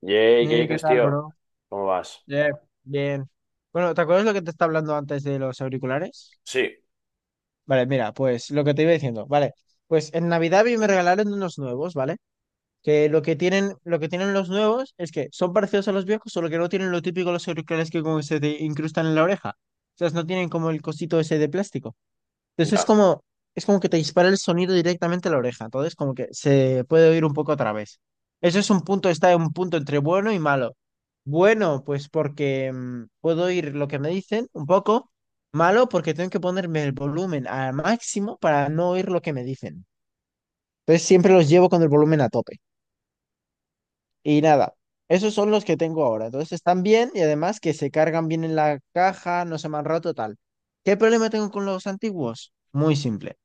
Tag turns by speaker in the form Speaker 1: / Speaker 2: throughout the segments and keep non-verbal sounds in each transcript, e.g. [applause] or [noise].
Speaker 1: Yay, ¿qué
Speaker 2: Hey, ¿qué
Speaker 1: dices,
Speaker 2: tal,
Speaker 1: tío?
Speaker 2: bro?
Speaker 1: ¿Cómo vas?
Speaker 2: Yeah, bien. Bueno, ¿te acuerdas lo que te estaba hablando antes de los auriculares?
Speaker 1: Sí,
Speaker 2: Vale, mira, pues lo que te iba diciendo, vale. Pues en Navidad a mí me regalaron unos nuevos, ¿vale? Que lo que tienen los nuevos es que son parecidos a los viejos, solo que no tienen lo típico los auriculares que como se te incrustan en la oreja. O sea, no tienen como el cosito ese de plástico. Entonces
Speaker 1: ya,
Speaker 2: es como que te dispara el sonido directamente a la oreja. Entonces como que se puede oír un poco a través. Eso es un punto, está en un punto entre bueno y malo. Bueno, pues porque puedo oír lo que me dicen un poco. Malo porque tengo que ponerme el volumen al máximo para no oír lo que me dicen. Entonces siempre los llevo con el volumen a tope. Y nada, esos son los que tengo ahora. Entonces están bien y además que se cargan bien en la caja, no se me han roto tal. ¿Qué problema tengo con los antiguos? Muy simple.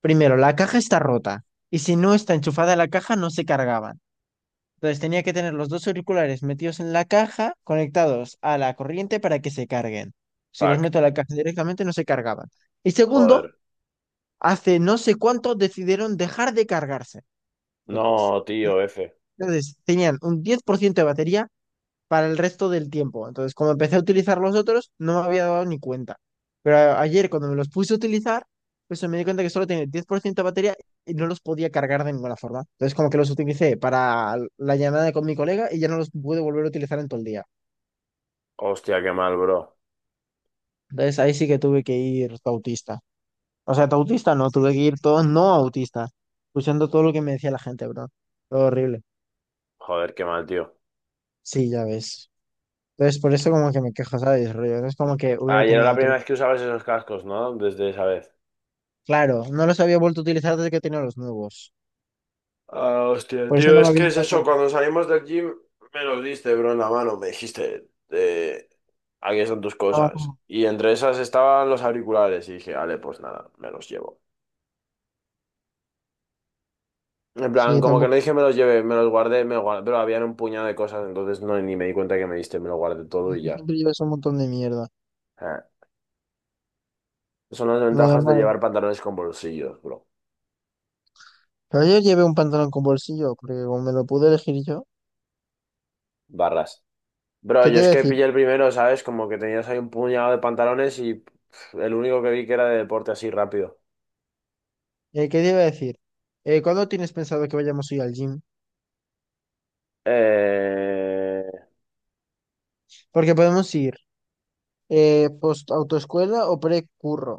Speaker 2: Primero, la caja está rota y si no está enchufada la caja no se cargaban. Entonces tenía que tener los dos auriculares metidos en la caja, conectados a la corriente para que se carguen. Si los
Speaker 1: fuck,
Speaker 2: meto a la caja directamente no se cargaban. Y segundo,
Speaker 1: joder.
Speaker 2: hace no sé cuánto decidieron dejar de cargarse. Entonces,
Speaker 1: No, tío, F.
Speaker 2: entonces tenían un 10% de batería para el resto del tiempo. Entonces, como empecé a utilizar los otros, no me había dado ni cuenta. Pero ayer, cuando me los puse a utilizar, pues me di cuenta que solo tenía 10% de batería y no los podía cargar de ninguna forma. Entonces, como que los utilicé para la llamada con mi colega y ya no los pude volver a utilizar en todo el día.
Speaker 1: Hostia, qué mal, bro.
Speaker 2: Entonces, ahí sí que tuve que ir autista. O sea, autista no, tuve que ir todo no autista, escuchando todo lo que me decía la gente, bro. Todo horrible.
Speaker 1: Joder, qué mal, tío.
Speaker 2: Sí, ya ves. Entonces, por eso como que me quejo, ¿sabes? Rollo, no es como que hubiera
Speaker 1: Ayer era
Speaker 2: tenido
Speaker 1: la
Speaker 2: otro.
Speaker 1: primera vez que usabas esos cascos, ¿no? Desde esa vez.
Speaker 2: Claro, no los había vuelto a utilizar desde que tenía los nuevos.
Speaker 1: Ah, hostia,
Speaker 2: Por eso
Speaker 1: tío,
Speaker 2: no me
Speaker 1: es que
Speaker 2: había
Speaker 1: es
Speaker 2: dado
Speaker 1: eso,
Speaker 2: cuenta.
Speaker 1: cuando salimos del gym me los diste, bro, en la mano, me dijiste, aquí están tus
Speaker 2: Estaba
Speaker 1: cosas.
Speaker 2: como-
Speaker 1: Y entre esas estaban los auriculares y dije, vale, pues nada, me los llevo. En plan,
Speaker 2: Sí,
Speaker 1: como que no
Speaker 2: tampoco.
Speaker 1: dije me los llevé, me los guardé, pero habían un puñado de cosas, entonces no ni me di cuenta que me diste, me lo guardé todo
Speaker 2: Es
Speaker 1: y
Speaker 2: que
Speaker 1: ya.
Speaker 2: siempre llevas un montón de mierda.
Speaker 1: Ah. Son las
Speaker 2: Lo
Speaker 1: ventajas de
Speaker 2: normal.
Speaker 1: llevar pantalones con bolsillos, bro.
Speaker 2: Pero ayer llevé un pantalón con bolsillo, porque como me lo pude elegir yo.
Speaker 1: Barras. Bro,
Speaker 2: ¿Qué
Speaker 1: yo
Speaker 2: te iba
Speaker 1: es
Speaker 2: a
Speaker 1: que
Speaker 2: decir?
Speaker 1: pillé el primero, ¿sabes? Como que tenías ahí un puñado de pantalones y el único que vi que era de deporte así rápido.
Speaker 2: ¿Qué te iba a decir? ¿Cuándo tienes pensado que vayamos a ir al gym?
Speaker 1: Eh...
Speaker 2: Porque podemos ir post autoescuela o pre-curro.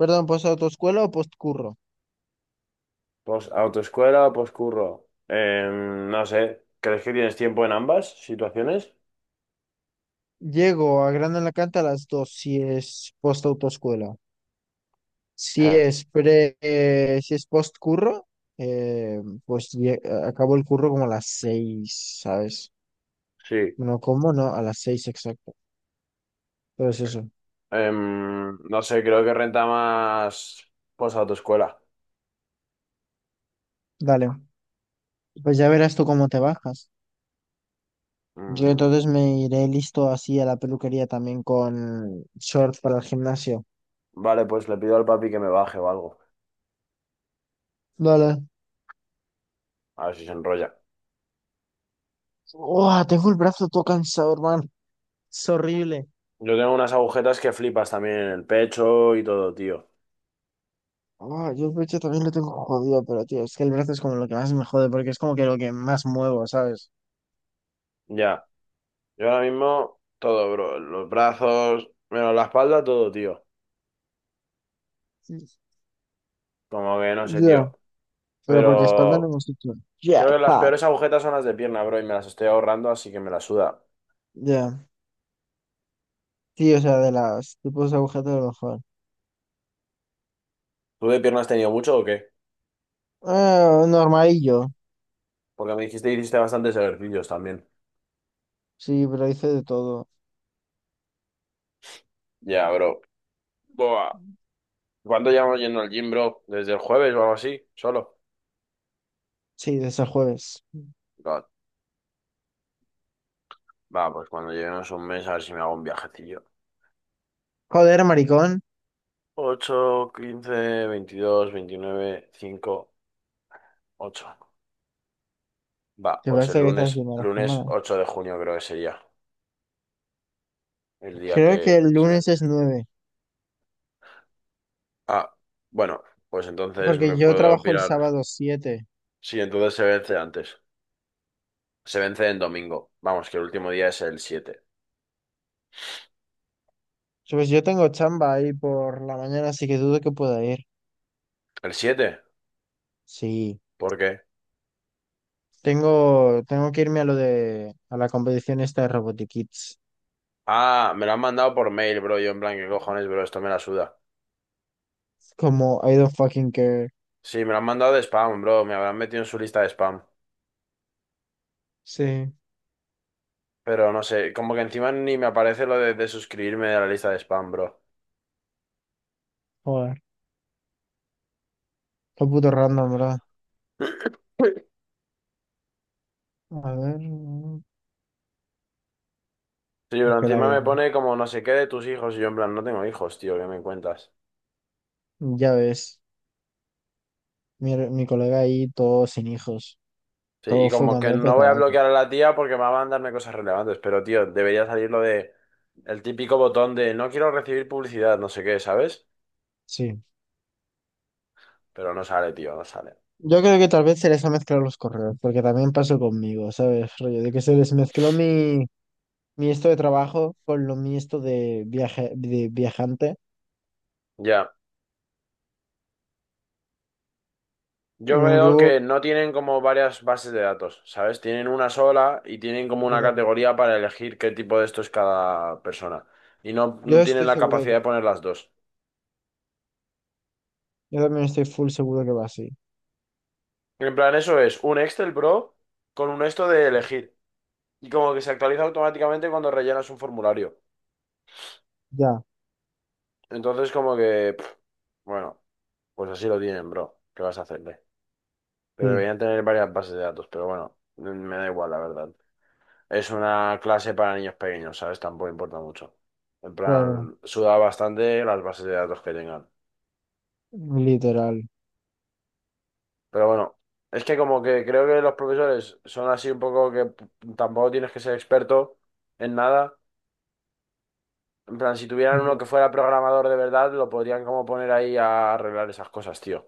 Speaker 2: Perdón, post autoescuela o post curro.
Speaker 1: Pues autoescuela o poscurro. No sé. ¿Crees que tienes tiempo en ambas situaciones?
Speaker 2: Llego a Gran Alacant a las 2 si es post autoescuela. Si
Speaker 1: Ja.
Speaker 2: es pre, si es post curro, eh, pues acabo el curro como a las 6, ¿sabes?
Speaker 1: Sí.
Speaker 2: No, ¿cómo no? A las seis exacto. Pero es eso.
Speaker 1: No sé, creo que renta más pues autoescuela.
Speaker 2: Dale. Pues ya verás tú cómo te bajas. Yo
Speaker 1: Mm,
Speaker 2: entonces me iré listo así a la peluquería también con shorts para el gimnasio.
Speaker 1: vale, pues le pido al papi que me baje o algo.
Speaker 2: Dale.
Speaker 1: A ver si se enrolla.
Speaker 2: Uah, tengo el brazo todo cansado, hermano. Es horrible.
Speaker 1: Yo tengo unas agujetas que flipas también en el pecho y todo, tío.
Speaker 2: Ah, yo el pecho también lo tengo jodido, pero tío, es que el brazo es como lo que más me jode porque es como que lo que más muevo, ¿sabes?
Speaker 1: Ya. Yo ahora mismo todo, bro. Los brazos, menos la espalda, todo, tío. Como que no sé,
Speaker 2: Ya.
Speaker 1: tío.
Speaker 2: Pero porque espalda no
Speaker 1: Pero
Speaker 2: hemos hecho
Speaker 1: creo que las
Speaker 2: jackpot.
Speaker 1: peores agujetas son las de pierna, bro, y me las estoy ahorrando, así que me la suda.
Speaker 2: Ya. Sí, o sea, de las tipos de agujetas de lo mejor.
Speaker 1: ¿Tú de pierna has tenido mucho o qué?
Speaker 2: Ah, normalillo.
Speaker 1: Porque me dijiste que hiciste bastantes ejercicios también.
Speaker 2: Sí, pero hice de todo.
Speaker 1: Ya, bro. Buah. ¿Cuándo llevamos yendo al gym, bro? ¿Desde el jueves o algo así? ¿Solo?
Speaker 2: Sí, desde el jueves.
Speaker 1: God. Va, pues cuando lleguemos un mes a ver si me hago un viajecillo.
Speaker 2: Joder, maricón.
Speaker 1: 8, 15, 22, 29, 5, 8. Va,
Speaker 2: Que
Speaker 1: pues el
Speaker 2: parece que estás
Speaker 1: lunes,
Speaker 2: haciendo la
Speaker 1: lunes
Speaker 2: semana.
Speaker 1: 8 de junio creo que sería el día
Speaker 2: Creo que
Speaker 1: que
Speaker 2: el
Speaker 1: se
Speaker 2: lunes
Speaker 1: vence.
Speaker 2: es 9.
Speaker 1: Ah, bueno, pues entonces
Speaker 2: Porque
Speaker 1: me
Speaker 2: yo
Speaker 1: puedo
Speaker 2: trabajo el
Speaker 1: pirar.
Speaker 2: sábado 7.
Speaker 1: Sí, entonces se vence antes. Se vence en domingo. Vamos, que el último día es el 7.
Speaker 2: So, pues yo tengo chamba ahí por la mañana, así que dudo que pueda ir.
Speaker 1: ¿El 7?
Speaker 2: Sí.
Speaker 1: ¿Por qué?
Speaker 2: Tengo que irme a lo de, a la competición esta de Robotic Kids.
Speaker 1: Ah, me lo han mandado por mail, bro. Yo en plan, ¿qué cojones, bro? Esto me la suda.
Speaker 2: Como I don't fucking care.
Speaker 1: Sí, me lo han mandado de spam, bro. Me habrán metido en su lista de spam.
Speaker 2: Sí.
Speaker 1: Pero no sé, como que encima ni me aparece lo de suscribirme a la lista de spam, bro.
Speaker 2: Joder. Está puto random, ¿verdad?
Speaker 1: [laughs]
Speaker 2: A ver,
Speaker 1: Sí, pero
Speaker 2: que la
Speaker 1: encima
Speaker 2: guía.
Speaker 1: me pone como no sé qué de tus hijos y yo en plan, no tengo hijos, tío, ¿qué me cuentas?
Speaker 2: Ya ves, mi colega ahí, todo sin hijos,
Speaker 1: Sí, y
Speaker 2: todo
Speaker 1: como que
Speaker 2: fumándote de
Speaker 1: no voy a
Speaker 2: tabaco.
Speaker 1: bloquear a la tía porque me va a mandarme cosas relevantes, pero tío, debería salir lo de el típico botón de no quiero recibir publicidad, no sé qué, ¿sabes?
Speaker 2: Sí.
Speaker 1: Pero no sale, tío, no sale.
Speaker 2: Yo creo que tal vez se les ha mezclado los correos, porque también pasó conmigo, ¿sabes? Rollo de que se les mezcló mi, mi esto de trabajo con lo mi esto de, viaje, de viajante.
Speaker 1: Ya.
Speaker 2: Y
Speaker 1: Yo
Speaker 2: como que
Speaker 1: veo
Speaker 2: hubo-
Speaker 1: que no tienen como varias bases de datos, ¿sabes? Tienen una sola y tienen como
Speaker 2: Yo
Speaker 1: una
Speaker 2: también
Speaker 1: categoría para elegir qué tipo de esto es cada persona. Y no,
Speaker 2: yo
Speaker 1: no tienen
Speaker 2: estoy
Speaker 1: la
Speaker 2: seguro de
Speaker 1: capacidad
Speaker 2: que.
Speaker 1: de poner las dos.
Speaker 2: Yo también estoy full seguro que va así.
Speaker 1: En plan, eso es un Excel, bro, con un esto de elegir. Y como que se actualiza automáticamente cuando rellenas un formulario.
Speaker 2: Ya,
Speaker 1: Entonces, como que, bueno, pues así lo tienen, bro. ¿Qué vas a hacerle? Pero
Speaker 2: sí,
Speaker 1: deberían tener varias bases de datos, pero bueno, me da igual, la verdad. Es una clase para niños pequeños, ¿sabes? Tampoco importa mucho. En
Speaker 2: claro,
Speaker 1: plan, suda bastante las bases de datos que tengan.
Speaker 2: literal.
Speaker 1: Pero bueno, es que como que creo que los profesores son así un poco tampoco tienes que ser experto en nada. En plan, si tuvieran uno que fuera programador de verdad, lo podrían como poner ahí a arreglar esas cosas, tío.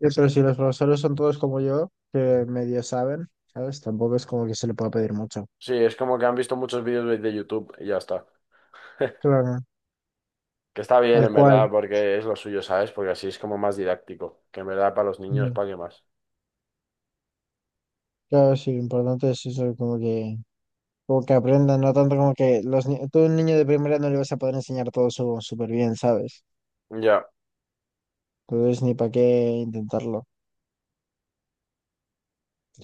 Speaker 2: Pero si los profesores son todos como yo, que medio saben, ¿sabes? Tampoco es como que se le pueda pedir mucho.
Speaker 1: Sí, es como que han visto muchos vídeos de YouTube y ya está.
Speaker 2: Claro,
Speaker 1: Que está bien,
Speaker 2: tal
Speaker 1: en
Speaker 2: cual.
Speaker 1: verdad, porque es lo suyo, ¿sabes? Porque así es como más didáctico. Que en verdad para los niños,
Speaker 2: Ya.
Speaker 1: ¿para qué más?
Speaker 2: Claro, sí, lo importante es eso, como que aprendan, no tanto como que los tú a un niño de primera no le vas a poder enseñar todo súper bien, ¿sabes?
Speaker 1: Ya,
Speaker 2: Entonces ni para qué intentarlo.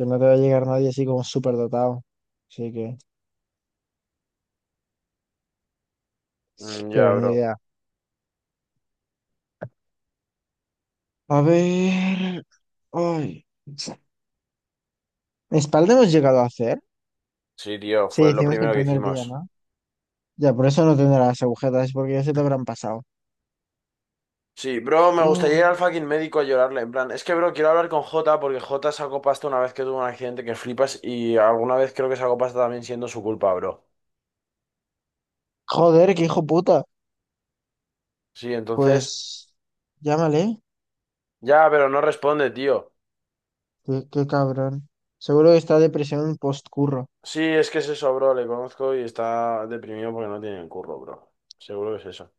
Speaker 2: Que no te va a llegar nadie así como súper dotado. Así que,
Speaker 1: mm,
Speaker 2: pero
Speaker 1: ya,
Speaker 2: ni
Speaker 1: bro.
Speaker 2: idea. A ver. Ay. ¿Espalda hemos llegado a hacer?
Speaker 1: Sí, tío,
Speaker 2: Sí,
Speaker 1: fue lo
Speaker 2: hicimos el
Speaker 1: primero que
Speaker 2: primer día,
Speaker 1: hicimos.
Speaker 2: ¿no? Ya, por eso no tendrás agujetas, porque ya se te habrán pasado.
Speaker 1: Sí, bro, me gustaría
Speaker 2: Oh,
Speaker 1: ir al fucking médico a llorarle. En plan, es que, bro, quiero hablar con Jota porque Jota sacó pasta una vez que tuvo un accidente que flipas y alguna vez creo que sacó pasta también siendo su culpa, bro.
Speaker 2: joder, qué hijo puta.
Speaker 1: Sí, entonces,
Speaker 2: Pues llámale,
Speaker 1: ya, pero no responde, tío.
Speaker 2: qué, qué cabrón. Seguro que está depresión postcurro.
Speaker 1: Sí, es que es eso, bro, le conozco y está deprimido porque no tiene el curro, bro. Seguro que es eso.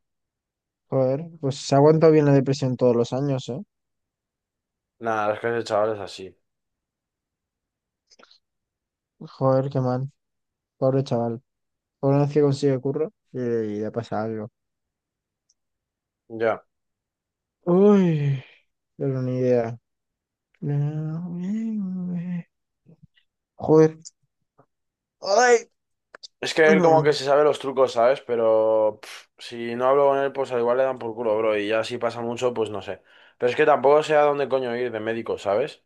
Speaker 2: Joder, pues se aguanta bien la depresión todos los años, ¿eh?
Speaker 1: Nada, las clases de chavales así.
Speaker 2: Joder, qué mal. Pobre chaval. Por una vez que consigue curro, y le pasa algo.
Speaker 1: Ya.
Speaker 2: Uy, pero ni idea. Joder. Ay,
Speaker 1: Es que él como
Speaker 2: mm,
Speaker 1: que se sabe los trucos, ¿sabes? Pero si no hablo con él, pues al igual le dan por culo, bro. Y ya si pasa mucho, pues no sé. Pero es que tampoco sé a dónde coño ir de médico, ¿sabes?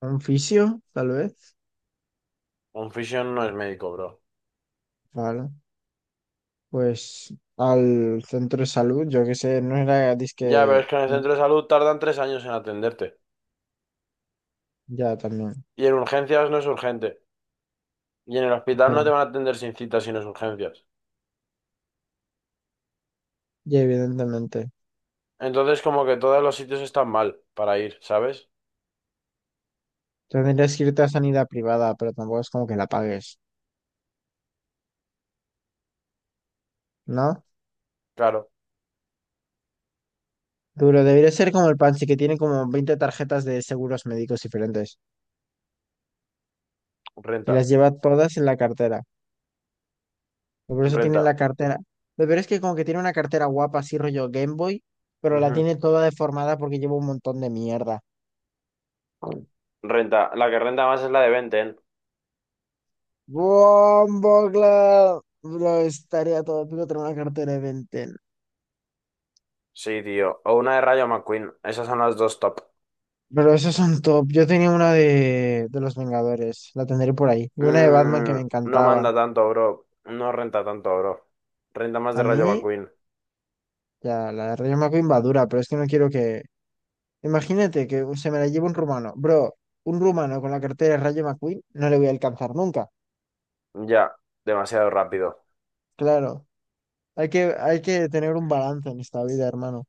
Speaker 2: un fisio, tal vez.
Speaker 1: Un fisio no es médico, bro.
Speaker 2: Vale. Pues al centro de salud, yo qué sé, no era
Speaker 1: Ya, pero
Speaker 2: disque.
Speaker 1: es que en el
Speaker 2: No,
Speaker 1: centro de salud tardan 3 años en atenderte.
Speaker 2: ya también.
Speaker 1: Y en urgencias no es urgente. Y en el hospital no
Speaker 2: Ya,
Speaker 1: te van a atender sin cita si no es urgencias.
Speaker 2: ya, evidentemente.
Speaker 1: Entonces como que todos los sitios están mal para ir, ¿sabes?
Speaker 2: Tendrías que irte a sanidad privada, pero tampoco es como que la pagues, ¿no?
Speaker 1: Claro,
Speaker 2: Duro, debería ser como el Pansy, que tiene como 20 tarjetas de seguros médicos diferentes. Y
Speaker 1: renta,
Speaker 2: las lleva todas en la cartera. Y por eso tiene
Speaker 1: renta.
Speaker 2: la cartera. Lo peor es que como que tiene una cartera guapa, así rollo Game Boy, pero la
Speaker 1: Ujú.
Speaker 2: tiene toda deformada porque lleva un montón de mierda.
Speaker 1: Renta. La que renta más es la de Benten.
Speaker 2: Bumbleclad. Bro, estaría todo épico tener una cartera de Ben 10.
Speaker 1: Sí, tío. O una de Rayo McQueen. Esas son las dos top.
Speaker 2: Pero esos son top. Yo tenía una de los Vengadores, la tendré por ahí. Y una de Batman que
Speaker 1: Mm,
Speaker 2: me
Speaker 1: no
Speaker 2: encantaba.
Speaker 1: manda tanto, bro. No renta tanto, bro. Renta más de
Speaker 2: A
Speaker 1: Rayo
Speaker 2: mí,
Speaker 1: McQueen.
Speaker 2: ya, la de Rayo McQueen va dura, pero es que no quiero que. Imagínate que se me la lleve un rumano. Bro, un rumano con la cartera de Rayo McQueen no le voy a alcanzar nunca.
Speaker 1: Ya, demasiado rápido.
Speaker 2: Claro, hay que tener un balance en esta vida, hermano.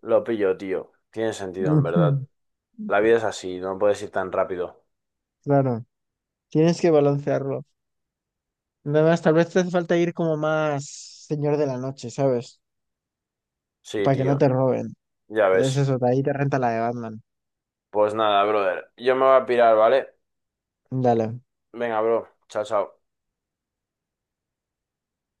Speaker 1: Lo pillo, tío. Tiene
Speaker 2: [laughs]
Speaker 1: sentido, en verdad.
Speaker 2: Ujú,
Speaker 1: La vida es así, no puedes ir tan rápido.
Speaker 2: claro, tienes que balancearlo. Nada más, tal vez te hace falta ir como más señor de la noche, ¿sabes?
Speaker 1: Sí,
Speaker 2: Para que no
Speaker 1: tío.
Speaker 2: te roben.
Speaker 1: Ya
Speaker 2: Es
Speaker 1: ves.
Speaker 2: eso, de ahí te renta la de Batman.
Speaker 1: Pues nada, brother. Yo me voy a pirar, ¿vale?
Speaker 2: Dale.
Speaker 1: Venga, bro. Chao, chao.